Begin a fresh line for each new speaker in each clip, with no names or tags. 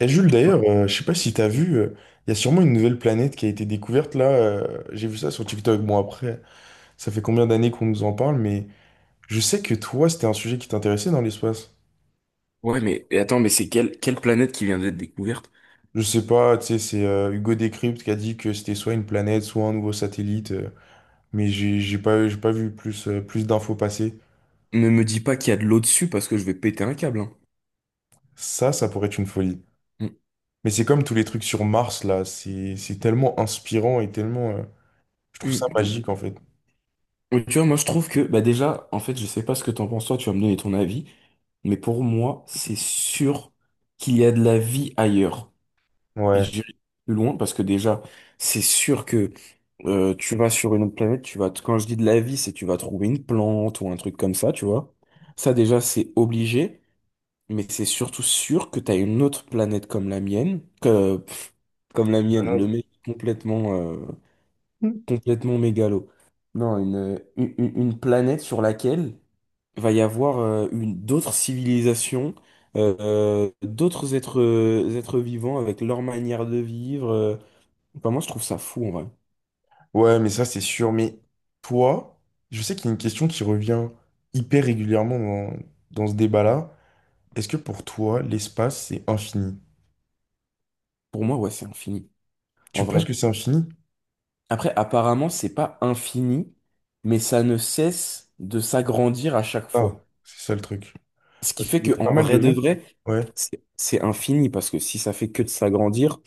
Et Jules, d'ailleurs, je sais pas si t'as vu, il y a sûrement une nouvelle planète qui a été découverte là. J'ai vu ça sur TikTok. Bon, après, ça fait combien d'années qu'on nous en parle, mais je sais que toi, c'était un sujet qui t'intéressait dans l'espace.
Ouais, mais et attends, mais c'est quelle planète qui vient d'être découverte?
Je sais pas, tu sais, c'est Hugo Décrypte qui a dit que c'était soit une planète, soit un nouveau satellite, mais j'ai pas vu plus, plus d'infos passer.
Ne me dis pas qu'il y a de l'eau dessus parce que je vais péter un câble, hein.
Ça pourrait être une folie.
Mm,
Mais c'est comme tous les trucs sur Mars là, c'est tellement inspirant et tellement. Je trouve ça
mm,
magique en fait.
mm. Tu vois, moi je trouve que, bah déjà, en fait, je sais pas ce que t'en penses, toi, tu vas me donner ton avis, mais pour moi, c'est sûr qu'il y a de la vie ailleurs. Et
Ouais.
j'irai plus loin parce que déjà, c'est sûr que tu vas sur une autre planète, tu vas, quand je dis de la vie, c'est tu vas trouver une plante ou un truc comme ça, tu vois. Ça, déjà, c'est obligé. Mais c'est surtout sûr que t'as une autre planète comme la mienne, le mec complètement, complètement mégalo. Non, une planète sur laquelle va y avoir une d'autres civilisations, d'autres êtres, êtres vivants avec leur manière de vivre. Enfin, moi, je trouve ça fou en vrai.
Ouais, mais ça, c'est sûr. Mais toi, je sais qu'il y a une question qui revient hyper régulièrement dans, dans ce débat-là. Est-ce que pour toi, l'espace, c'est infini?
Pour moi, ouais, c'est infini, en
Tu penses que
vrai.
c'est infini?
Après, apparemment, c'est pas infini, mais ça ne cesse de s'agrandir à chaque
Ah,
fois.
c'est ça le truc.
Ce qui
Parce
fait
qu'il y
que
a pas
en
mal
vrai
de
de
gens qui...
vrai,
Ouais,
c'est infini parce que si ça fait que de s'agrandir,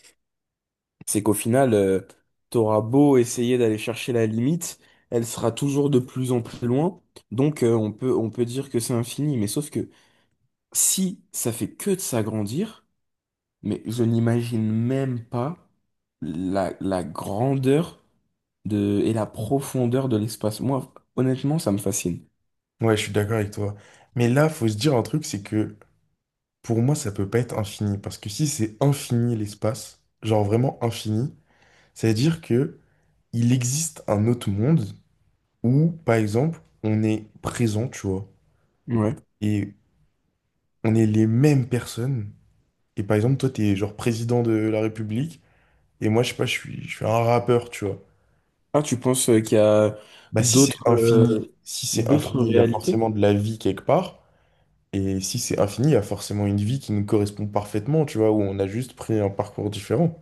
c'est qu'au final, t'auras beau essayer d'aller chercher la limite, elle sera toujours de plus en plus loin. Donc, on peut dire que c'est infini. Mais sauf que si ça fait que de s'agrandir, mais je n'imagine même pas la grandeur de, et la profondeur de l'espace. Moi, honnêtement, ça me fascine.
ouais, je suis d'accord avec toi. Mais là, faut se dire un truc, c'est que pour moi, ça peut pas être infini. Parce que si c'est infini l'espace, genre vraiment infini, ça veut dire que il existe un autre monde où, par exemple, on est présent, tu vois.
Ouais.
Et on est les mêmes personnes. Et par exemple, toi, t'es genre président de la République, et moi, je sais pas, je suis un rappeur, tu vois.
Ah, tu penses qu'il y a
Bah, si c'est
d'autres
infini, si c'est
d'autres
infini, il y a
réalités?
forcément de la vie quelque part. Et si c'est infini, il y a forcément une vie qui nous correspond parfaitement, tu vois, où on a juste pris un parcours différent.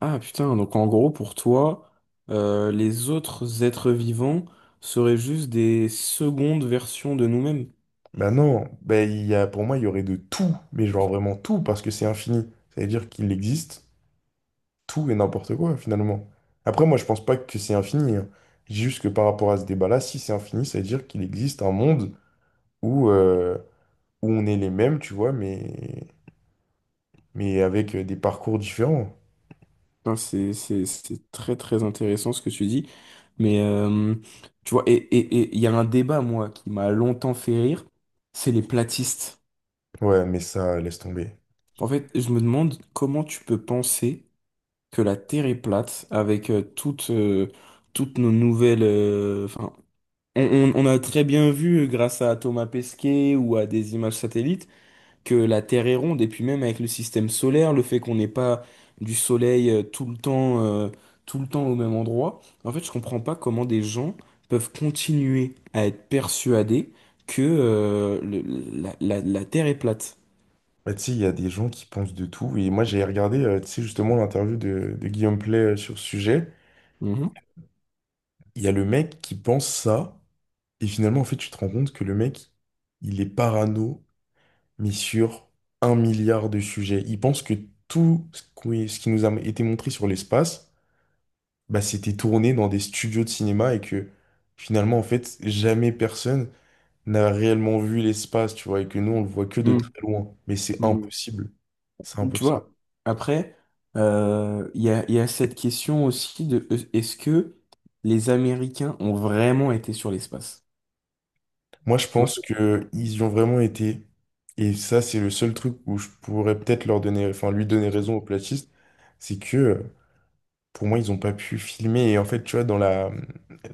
Ah putain, donc en gros pour toi, les autres êtres vivants seraient juste des secondes versions de nous-mêmes.
Bah non, bah, il y a, pour moi, il y aurait de tout, mais genre vraiment tout, parce que c'est infini. Ça veut dire qu'il existe tout et n'importe quoi, finalement. Après, moi, je pense pas que c'est infini. Hein. Je dis juste que par rapport à ce débat-là, si c'est infini, ça veut dire qu'il existe un monde où, où on est les mêmes, tu vois, mais avec des parcours différents.
Non, c'est, c'est très très intéressant ce que tu dis. Mais tu vois, et il y a un débat, moi, qui m'a longtemps fait rire, c'est les platistes.
Ouais, mais ça, laisse tomber.
En fait, je me demande comment tu peux penser que la Terre est plate avec toutes, toutes nos nouvelles enfin, on, on a très bien vu, grâce à Thomas Pesquet ou à des images satellites, que la Terre est ronde, et puis même avec le système solaire, le fait qu'on n'ait pas du soleil tout le temps au même endroit, en fait, je comprends pas comment des gens peuvent continuer à être persuadés que la Terre est plate.
Bah, tu sais, il y a des gens qui pensent de tout. Et moi, j'ai regardé, tu sais, justement, l'interview de Guillaume Play sur ce sujet.
Mhm.
Il y a le mec qui pense ça. Et finalement, en fait, tu te rends compte que le mec, il est parano, mais sur un milliard de sujets. Il pense que tout ce qui nous a été montré sur l'espace, bah, c'était tourné dans des studios de cinéma et que finalement, en fait, jamais personne n'a réellement vu l'espace, tu vois, et que nous, on le voit que de très loin. Mais c'est
Mhm.
impossible. C'est
Mhm. Tu
impossible.
vois, après, il y a cette question aussi de est-ce que les Américains ont vraiment été sur l'espace?
Moi, je
Tu vois.
pense que ils y ont vraiment été. Et ça, c'est le seul truc où je pourrais peut-être leur donner, enfin, lui donner raison aux platistes, c'est que pour moi, ils n'ont pas pu filmer. Et en fait, tu vois, dans la,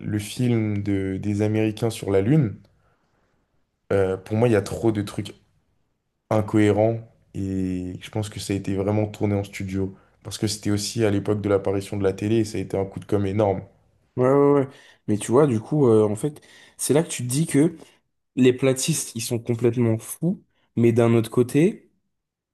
le film de, des Américains sur la Lune, pour moi, il y a trop de trucs incohérents. Et je pense que ça a été vraiment tourné en studio. Parce que c'était aussi à l'époque de l'apparition de la télé, et ça a été un coup de com' énorme.
Ouais, ouais, ouais. Mais tu vois, du coup, en fait, c'est là que tu te dis que les platistes, ils sont complètement fous, mais d'un autre côté,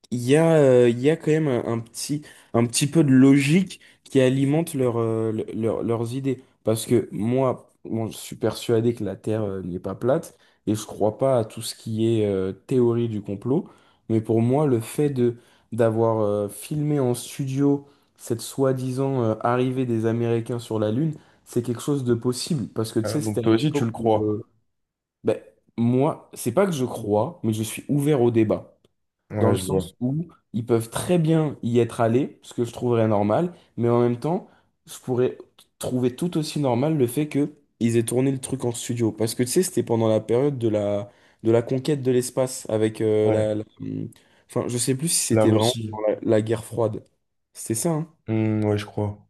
il y a quand même un petit peu de logique qui alimente leur, leurs idées. Parce que moi, bon, je suis persuadé que la Terre, n'est pas plate, et je crois pas à tout ce qui est, théorie du complot, mais pour moi, le fait de, d'avoir, filmé en studio cette soi-disant, arrivée des Américains sur la Lune, c'est quelque chose de possible. Parce que tu
Ah,
sais,
donc
c'était à
toi aussi, tu
l'époque
le
où
crois.
ben, moi, c'est pas que je crois, mais je suis ouvert au débat. Dans
Ouais,
le
je vois.
sens où ils peuvent très bien y être allés, ce que je trouverais normal, mais en même temps, je pourrais trouver tout aussi normal le fait que ils aient tourné le truc en studio. Parce que tu sais, c'était pendant la période de la conquête de l'espace avec
Ouais,
Enfin, je sais plus si
la
c'était vraiment
Russie.
pendant la guerre froide. C'était ça, hein.
Hmm, ouais, je crois.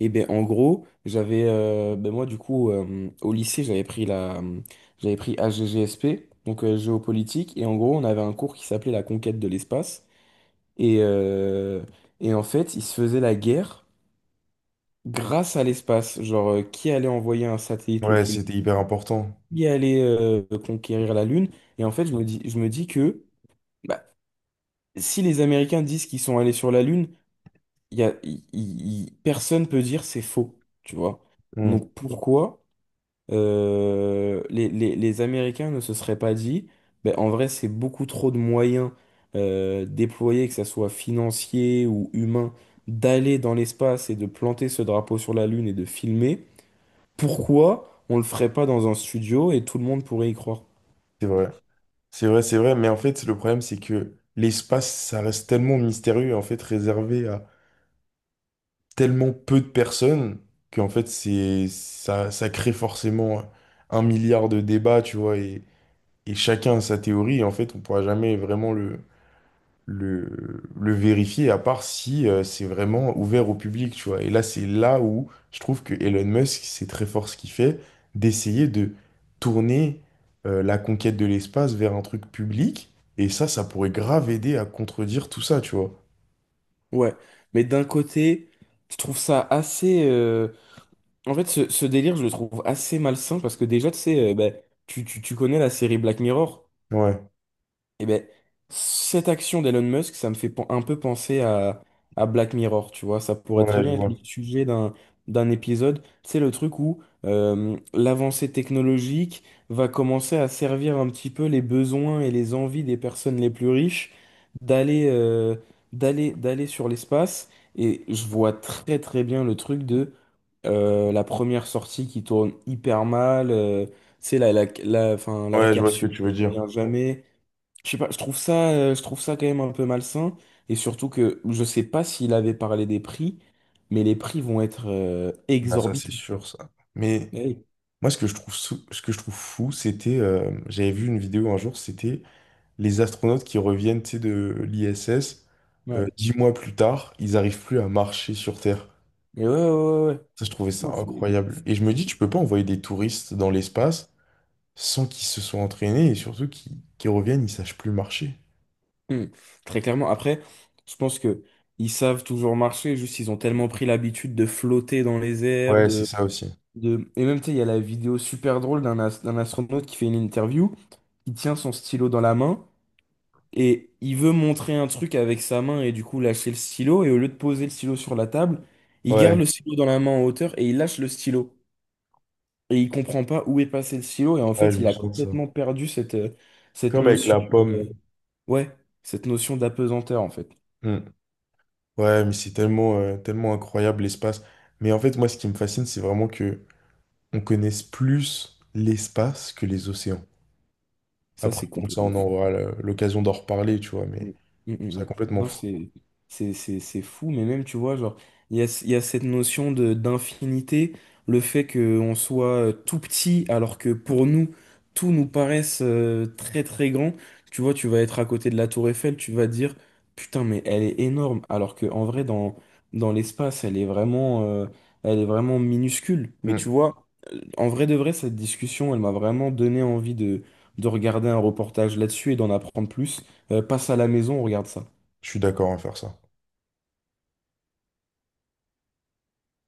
Et ben en gros, j'avais ben moi du coup au lycée, j'avais pris HGGSP, donc géopolitique et en gros, on avait un cours qui s'appelait la conquête de l'espace et euh, et en fait, il se faisait la guerre grâce à l'espace, genre qui allait envoyer un satellite le
Ouais,
plus
c'était
loin,
hyper important.
qui allait conquérir la Lune et en fait, je me dis que bah, si les Américains disent qu'ils sont allés sur la Lune, il y a personne peut dire c'est faux, tu vois.
Hmm,
Donc pourquoi les, les Américains ne se seraient pas dit, ben, en vrai, c'est beaucoup trop de moyens déployés, que ça soit financier ou humain, d'aller dans l'espace et de planter ce drapeau sur la Lune et de filmer. Pourquoi on le ferait pas dans un studio et tout le monde pourrait y croire?
c'est vrai. C'est vrai, c'est vrai. Mais en fait, le problème, c'est que l'espace, ça reste tellement mystérieux, en fait, réservé à tellement peu de personnes, qu'en fait, c'est, ça crée forcément un milliard de débats, tu vois, et chacun a sa théorie. Et en fait, on pourra jamais vraiment le vérifier, à part si c'est vraiment ouvert au public, tu vois. Et là, c'est là où je trouve que Elon Musk, c'est très fort ce qu'il fait, d'essayer de tourner la conquête de l'espace vers un truc public. Et ça pourrait grave aider à contredire tout ça, tu vois.
Ouais, mais d'un côté, je trouve ça assez en fait, ce délire, je le trouve assez malsain parce que déjà, tu sais, tu connais la série Black Mirror.
Ouais,
Eh ben, cette action d'Elon Musk, ça me fait un peu penser à Black Mirror, tu vois. Ça pourrait très
ouais, je
bien être
vois.
le sujet d'un épisode. C'est le truc où l'avancée technologique va commencer à servir un petit peu les besoins et les envies des personnes les plus riches d'aller d'aller sur l'espace. Et je vois très très bien le truc de la première sortie qui tourne hyper mal. C'est la, la, la, enfin, la
Ouais, je vois ce que
capsule
tu
qui
veux dire.
revient jamais. Je sais pas, je trouve ça quand même un peu malsain. Et surtout que je sais pas s'il avait parlé des prix, mais les prix vont être
Bah, ça, c'est
exorbitants.
sûr, ça. Mais
Eh oui,
moi, ce que je trouve, ce que je trouve fou, c'était, j'avais vu une vidéo un jour, c'était les astronautes qui reviennent, tu sais, de l'ISS,
ouais.
10 mois plus tard, ils arrivent plus à marcher sur Terre.
Mais ouais, ouais, ouais. Ouais.
Ça, je trouvais ça
Non,
incroyable. Et je me
c'est-
dis, tu peux pas envoyer des touristes dans l'espace sans qu'ils se soient entraînés et surtout qu'ils reviennent, ils sachent plus marcher.
ouais. Hmm. Très clairement. Après, je pense que ils savent toujours marcher, juste ils ont tellement pris l'habitude de flotter dans les airs,
Ouais, c'est
de,
ça aussi.
de Et même, tu sais, il y a la vidéo super drôle d'un astronaute qui fait une interview, qui tient son stylo dans la main. Et il veut montrer un truc avec sa main et du coup lâcher le stylo. Et au lieu de poser le stylo sur la table, il garde
Ouais,
le stylo dans la main en hauteur et il lâche le stylo. Et il comprend pas où est passé le stylo. Et en
ouais, je
fait, il
me
a
sens de ça.
complètement perdu cette, cette
Comme avec
notion,
la pomme.
ouais, cette notion d'apesanteur en fait.
Hmm. Ouais, mais c'est tellement, tellement incroyable l'espace. Mais en fait, moi, ce qui me fascine, c'est vraiment que on connaisse plus l'espace que les océans.
Ça,
Après,
c'est
bon, ça,
complètement
on
fou.
aura l'occasion d'en reparler, tu vois,
Mm,
mais je trouve ça
mm.
complètement
Non,
fou.
c'est c'est fou, mais même, tu vois, genre, il y a cette notion de d'infinité, le fait qu'on soit tout petit, alors que pour nous, tout nous paraisse très très grand. Tu vois, tu vas être à côté de la tour Eiffel, tu vas dire, putain, mais elle est énorme, alors que en vrai, dans, dans l'espace, elle est vraiment minuscule. Mais
Mm.
tu vois, en vrai de vrai, cette discussion, elle m'a vraiment donné envie de regarder un reportage là-dessus et d'en apprendre plus passe à la maison, on regarde ça.
Je suis d'accord à faire ça.